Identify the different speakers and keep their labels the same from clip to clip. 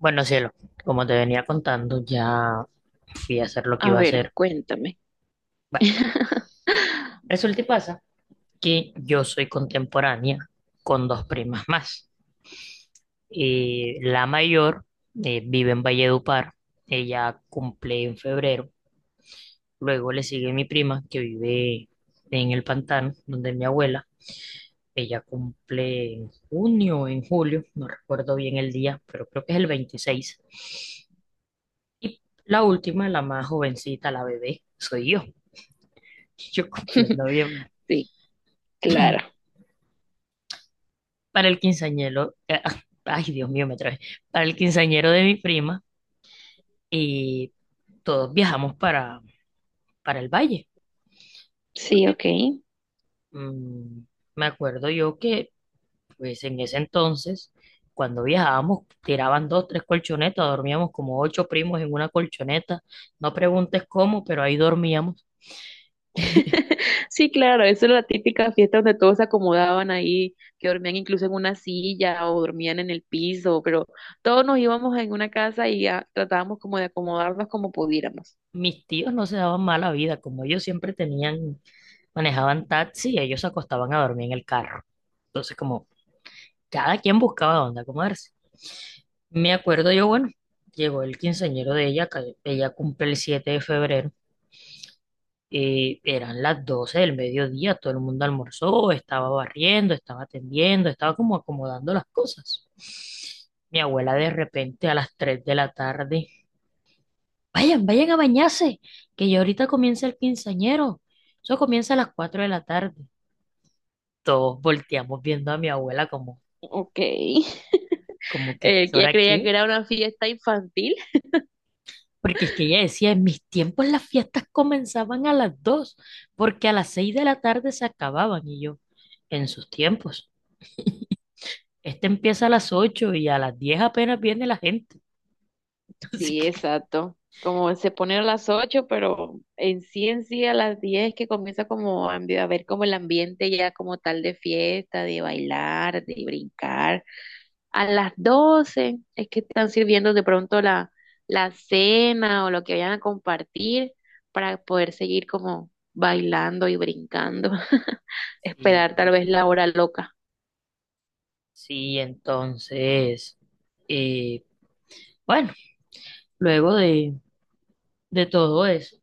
Speaker 1: Bueno, cielo, como te venía contando, ya fui a hacer lo que
Speaker 2: A
Speaker 1: iba a
Speaker 2: ver,
Speaker 1: hacer.
Speaker 2: cuéntame.
Speaker 1: Bueno, resulta y pasa que yo soy contemporánea con dos primas más. La mayor vive en Valledupar, ella cumple en febrero. Luego le sigue mi prima que vive en el Pantano, donde mi abuela. Ella cumple en junio o en julio, no recuerdo bien el día, pero creo que es el 26. Y la última, la más jovencita, la bebé, soy yo. Yo comprendo bien.
Speaker 2: Sí, claro.
Speaker 1: Para el quinceañero, ay Dios mío, me trae. Para el quinceañero de mi prima y todos viajamos para el valle.
Speaker 2: Sí,
Speaker 1: Porque
Speaker 2: ok.
Speaker 1: mm, me acuerdo yo que pues en ese entonces, cuando viajábamos, tiraban dos, tres colchonetas, dormíamos como ocho primos en una colchoneta. No preguntes cómo, pero ahí dormíamos.
Speaker 2: Sí, claro, eso era la típica fiesta donde todos se acomodaban ahí, que dormían incluso en una silla o dormían en el piso, pero todos nos íbamos en una casa y ah, tratábamos como de acomodarnos como pudiéramos.
Speaker 1: Mis tíos no se daban mala vida, como ellos siempre tenían, manejaban taxi, ellos se acostaban a dormir en el carro. Entonces, como cada quien buscaba dónde acomodarse. Me acuerdo yo, bueno, llegó el quinceañero de ella, que ella cumple el 7 de febrero, y eran las 12 del mediodía, todo el mundo almorzó, estaba barriendo, estaba atendiendo, estaba como acomodando las cosas. Mi abuela de repente a las 3 de la tarde, vayan, vayan a bañarse, que ya ahorita comienza el quinceañero. Eso comienza a las 4 de la tarde. Todos volteamos viendo a mi abuela como,
Speaker 2: Ok.
Speaker 1: como que, ¿a qué
Speaker 2: Ya
Speaker 1: hora
Speaker 2: creía que
Speaker 1: qué?
Speaker 2: era una fiesta infantil.
Speaker 1: Porque es que ella decía, en mis tiempos las fiestas comenzaban a las 2 porque a las 6 de la tarde se acababan. Y yo, en sus tiempos, este empieza a las 8 y a las 10 apenas viene la gente. Así
Speaker 2: Sí,
Speaker 1: que
Speaker 2: exacto. Como se pone a las 8, pero en sí a las 10 que comienza como a a ver como el ambiente ya como tal de fiesta, de bailar, de brincar. A las 12 es que están sirviendo de pronto la cena o lo que vayan a compartir para poder seguir como bailando y brincando.
Speaker 1: sí,
Speaker 2: Esperar tal vez la hora loca.
Speaker 1: sí, entonces, eh, bueno, luego de todo eso,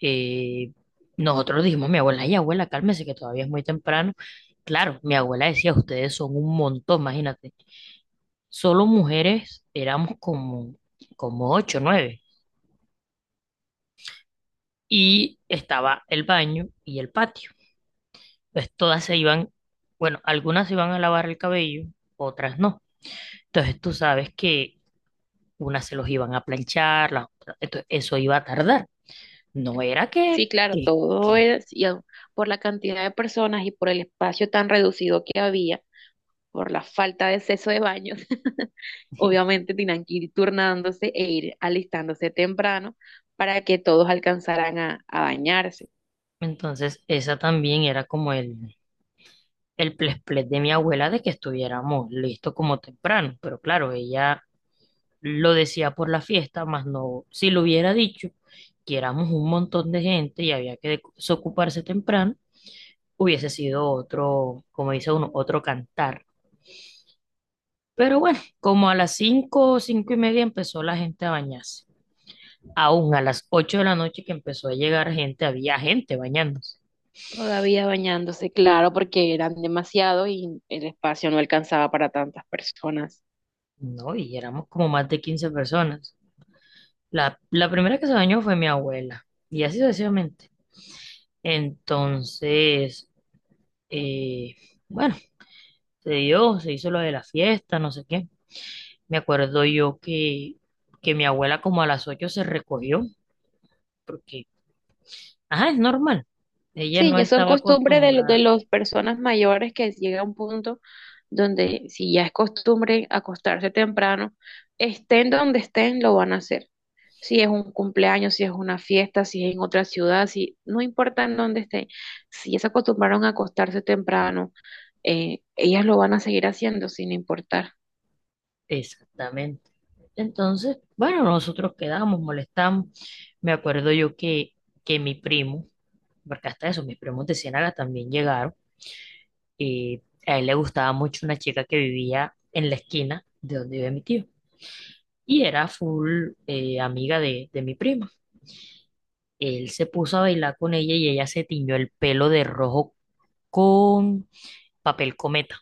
Speaker 1: eh, nosotros dijimos, mi abuela, y abuela, cálmese que todavía es muy temprano. Claro, mi abuela decía, ustedes son un montón, imagínate. Solo mujeres éramos como ocho, nueve. Y estaba el baño y el patio. Entonces todas se iban, bueno, algunas se iban a lavar el cabello, otras no. Entonces tú sabes que unas se los iban a planchar, las otras, entonces eso iba a tardar. No era que,
Speaker 2: Sí, claro,
Speaker 1: que,
Speaker 2: todo
Speaker 1: que.
Speaker 2: es y, ah, por la cantidad de personas y por el espacio tan reducido que había por la falta de acceso de baños, obviamente tenían que ir turnándose e ir alistándose temprano para que todos alcanzaran a bañarse.
Speaker 1: Entonces esa también era como el ples ples de mi abuela de que estuviéramos listos como temprano. Pero claro, ella lo decía por la fiesta, más no, si lo hubiera dicho, que éramos un montón de gente y había que desocuparse temprano, hubiese sido otro, como dice uno, otro cantar. Pero bueno, como a las 5, o 5:30 empezó la gente a bañarse. Aún a las 8 de la noche que empezó a llegar gente, había gente bañándose.
Speaker 2: Todavía bañándose, claro, porque eran demasiados y el espacio no alcanzaba para tantas personas.
Speaker 1: No, y éramos como más de 15 personas. La primera que se bañó fue mi abuela, y así sucesivamente. Entonces, eh, bueno, se dio, se hizo lo de la fiesta, no sé qué. Me acuerdo yo que mi abuela como a las 8 se recogió, porque, ajá, es normal. Ella
Speaker 2: Sí,
Speaker 1: no
Speaker 2: ya son
Speaker 1: estaba
Speaker 2: costumbre de, de
Speaker 1: acostumbrada.
Speaker 2: las personas mayores que llega a un punto donde si ya es costumbre acostarse temprano, estén donde estén, lo van a hacer. Si es un cumpleaños, si es una fiesta, si es en otra ciudad, si no importa en dónde estén, si ya se acostumbraron a acostarse temprano, ellas lo van a seguir haciendo sin importar.
Speaker 1: Exactamente. Entonces, bueno, nosotros quedamos, molestamos. Me acuerdo yo que mi primo, porque hasta eso, mis primos de Ciénaga también llegaron, y a él le gustaba mucho una chica que vivía en la esquina de donde vive mi tío. Y era full amiga de mi prima. Él se puso a bailar con ella y ella se tiñó el pelo de rojo con papel cometa.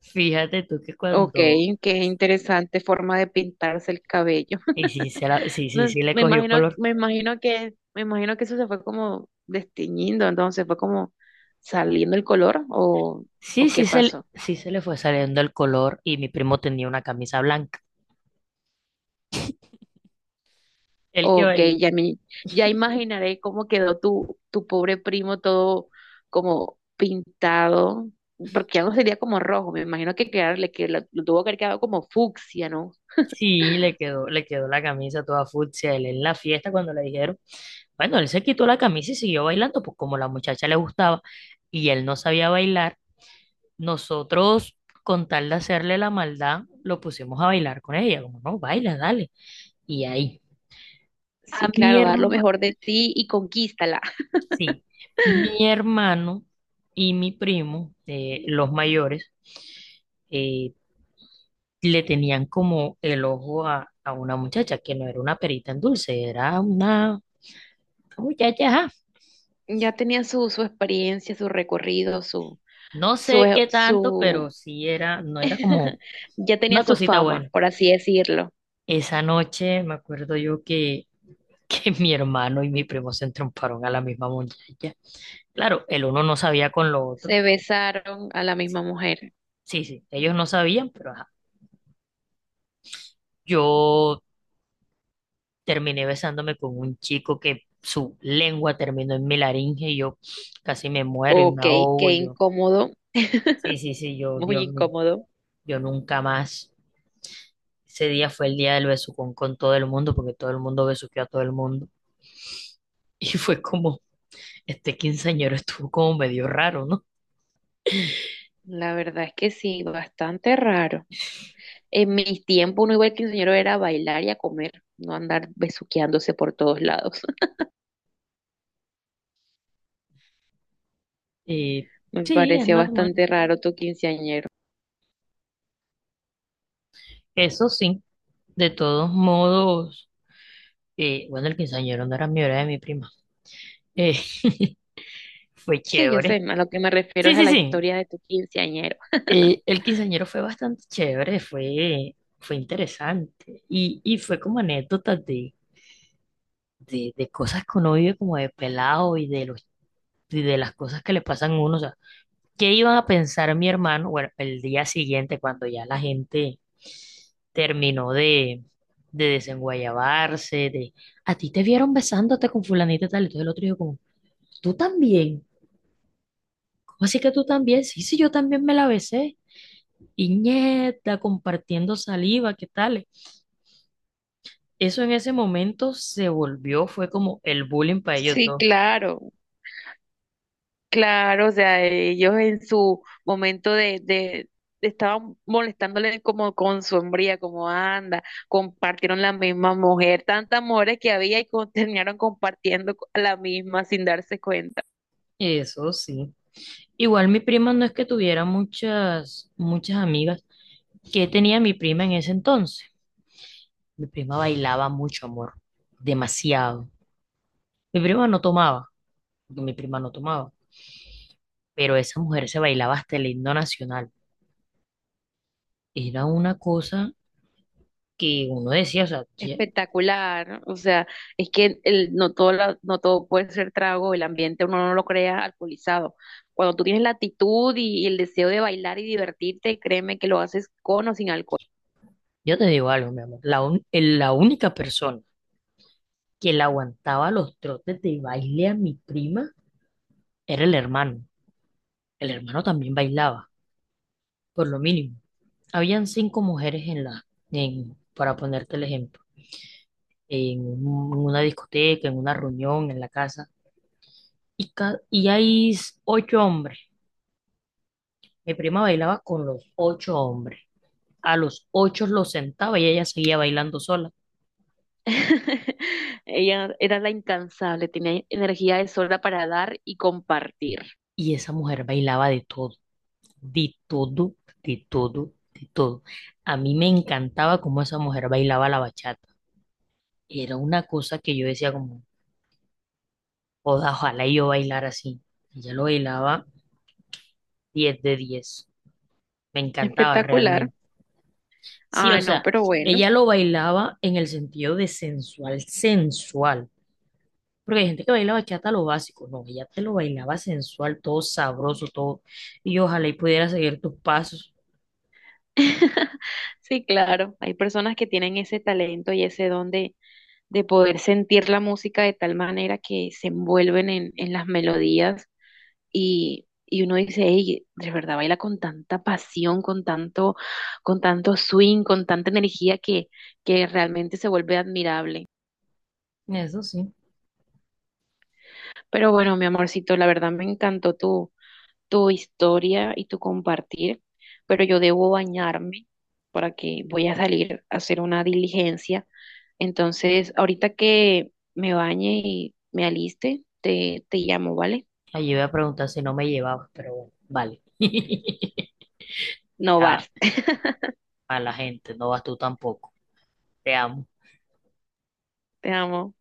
Speaker 1: Fíjate tú que
Speaker 2: Ok,
Speaker 1: cuando...
Speaker 2: qué interesante forma de pintarse el cabello.
Speaker 1: Y sí, sí, sí,
Speaker 2: No,
Speaker 1: sí le cogió color.
Speaker 2: me imagino que eso se fue como desteñiendo, entonces fue como saliendo el color,
Speaker 1: Sí,
Speaker 2: o qué
Speaker 1: sí
Speaker 2: pasó,
Speaker 1: se le fue saliendo el color y mi primo tenía una camisa blanca. El que
Speaker 2: o
Speaker 1: bailó,
Speaker 2: que ya me, ya imaginaré cómo quedó tu pobre primo todo como pintado, porque ya no sería como rojo, me imagino que quedarle, que lo tuvo que haber quedado como fucsia, ¿no?
Speaker 1: sí, le quedó la camisa toda fucsia. Él en la fiesta cuando le dijeron, bueno, él se quitó la camisa y siguió bailando, pues como la muchacha le gustaba y él no sabía bailar, nosotros, con tal de hacerle la maldad, lo pusimos a bailar con ella, como no, baila, dale. Y ahí, a
Speaker 2: Sí,
Speaker 1: mi
Speaker 2: claro, dar lo
Speaker 1: hermano,
Speaker 2: mejor de ti y conquístala.
Speaker 1: sí, mi hermano y mi primo, los mayores, eh, le tenían como el ojo a una muchacha que no era una perita en dulce, era una muchacha, ajá.
Speaker 2: Ya tenía su experiencia, su recorrido,
Speaker 1: No
Speaker 2: su,
Speaker 1: sé qué tanto, pero
Speaker 2: su.
Speaker 1: sí era, no era como
Speaker 2: Ya tenía
Speaker 1: una
Speaker 2: su
Speaker 1: cosita
Speaker 2: fama,
Speaker 1: buena.
Speaker 2: por así decirlo.
Speaker 1: Esa noche me acuerdo yo que que mi hermano y mi primo se entromparon a la misma muchacha. Claro, el uno no sabía con lo otro.
Speaker 2: Se besaron a la misma mujer.
Speaker 1: Sí, sí, ellos no sabían, pero ajá. Yo terminé besándome con un chico que su lengua terminó en mi laringe y yo casi me muero y
Speaker 2: Ok,
Speaker 1: me ahogo.
Speaker 2: qué
Speaker 1: Y yo,
Speaker 2: incómodo,
Speaker 1: sí, sí, sí, yo,
Speaker 2: muy
Speaker 1: Dios mío,
Speaker 2: incómodo.
Speaker 1: yo nunca más. Ese día fue el día del besucón con todo el mundo, porque todo el mundo besuqueó a todo el mundo. Y fue como, este quinceañero estuvo como medio raro, ¿no?
Speaker 2: La verdad es que sí, bastante raro. En mis tiempos, uno igual que quinceañero era bailar y a comer, no andar besuqueándose por todos lados.
Speaker 1: Y
Speaker 2: Me
Speaker 1: sí, es
Speaker 2: pareció
Speaker 1: normal.
Speaker 2: bastante raro tu quinceañero.
Speaker 1: Eso sí, de todos modos, bueno, el quinceañero no era mi hora de mi prima. Eh, fue
Speaker 2: Sí, yo sé,
Speaker 1: chévere.
Speaker 2: a lo que me refiero
Speaker 1: Sí,
Speaker 2: es a
Speaker 1: sí,
Speaker 2: la
Speaker 1: sí.
Speaker 2: historia de tu quinceañero.
Speaker 1: El quinceañero fue bastante chévere, fue interesante. Y fue como anécdotas de cosas que uno vive como de pelado y de las cosas que le pasan a uno. O sea, ¿qué iban a pensar mi hermano? Bueno, el día siguiente, cuando ya la gente terminó de desenguayabarse, a ti te vieron besándote con fulanita y tal, entonces el otro dijo como, tú también, ¿cómo así que tú también? Sí, sí, yo también me la besé, y nieta, compartiendo saliva, ¿qué tal? Eso en ese momento se volvió, fue como el bullying para ellos
Speaker 2: Sí,
Speaker 1: dos,
Speaker 2: claro. Claro, o sea, ellos en su momento estaban molestándole como con su hombría, como anda, compartieron la misma mujer, tantas mujeres que había y terminaron compartiendo la misma sin darse cuenta.
Speaker 1: eso sí. Igual mi prima no es que tuviera muchas, muchas amigas, ¿qué tenía mi prima en ese entonces? Mi prima bailaba mucho, amor, demasiado. Mi prima no tomaba, porque mi prima no tomaba. Pero esa mujer se bailaba hasta el himno nacional. Era una cosa que uno decía, o sea,
Speaker 2: Espectacular, ¿no? O sea, es que el, no no todo puede ser trago, el ambiente uno no lo crea alcoholizado. Cuando tú tienes la actitud y el deseo de bailar y divertirte, créeme que lo haces con o sin alcohol.
Speaker 1: yo te digo algo, mi amor, la única persona que le aguantaba los trotes de baile a mi prima era el hermano. El hermano también bailaba, por lo mínimo. Habían cinco mujeres en la, en, para ponerte el ejemplo, en una discoteca, en una reunión, en la casa, y hay ocho hombres. Mi prima bailaba con los ocho hombres. A los ocho lo sentaba y ella seguía bailando sola.
Speaker 2: Ella era la incansable, tenía energía de sobra para dar y compartir.
Speaker 1: Y esa mujer bailaba de todo, de todo, de todo, de todo. A mí me encantaba cómo esa mujer bailaba la bachata. Era una cosa que yo decía como, "Joda, ojalá yo bailara así. Ella lo bailaba 10 de 10". Me encantaba
Speaker 2: Espectacular.
Speaker 1: realmente. Sí, o
Speaker 2: Ay, no,
Speaker 1: sea,
Speaker 2: pero bueno.
Speaker 1: ella lo bailaba en el sentido de sensual, sensual. Porque hay gente que baila bachata lo básico, no, ella te lo bailaba sensual, todo sabroso, todo. Y yo ojalá y pudiera seguir tus pasos.
Speaker 2: Sí, claro, hay personas que tienen ese talento y ese don de poder sentir la música de tal manera que se envuelven en las melodías y uno dice, hey, de verdad baila con tanta pasión, con tanto swing, con tanta energía que realmente se vuelve admirable.
Speaker 1: Eso sí.
Speaker 2: Pero bueno, mi amorcito, la verdad me encantó tu historia y tu compartir, pero yo debo bañarme para que voy a salir a hacer una diligencia. Entonces, ahorita que me bañe y me aliste, te llamo, ¿vale?
Speaker 1: Allí voy a preguntar si no me llevabas, pero bueno, vale.
Speaker 2: No
Speaker 1: Ya,
Speaker 2: vas,
Speaker 1: a la gente, no vas tú tampoco. Te amo.
Speaker 2: te amo.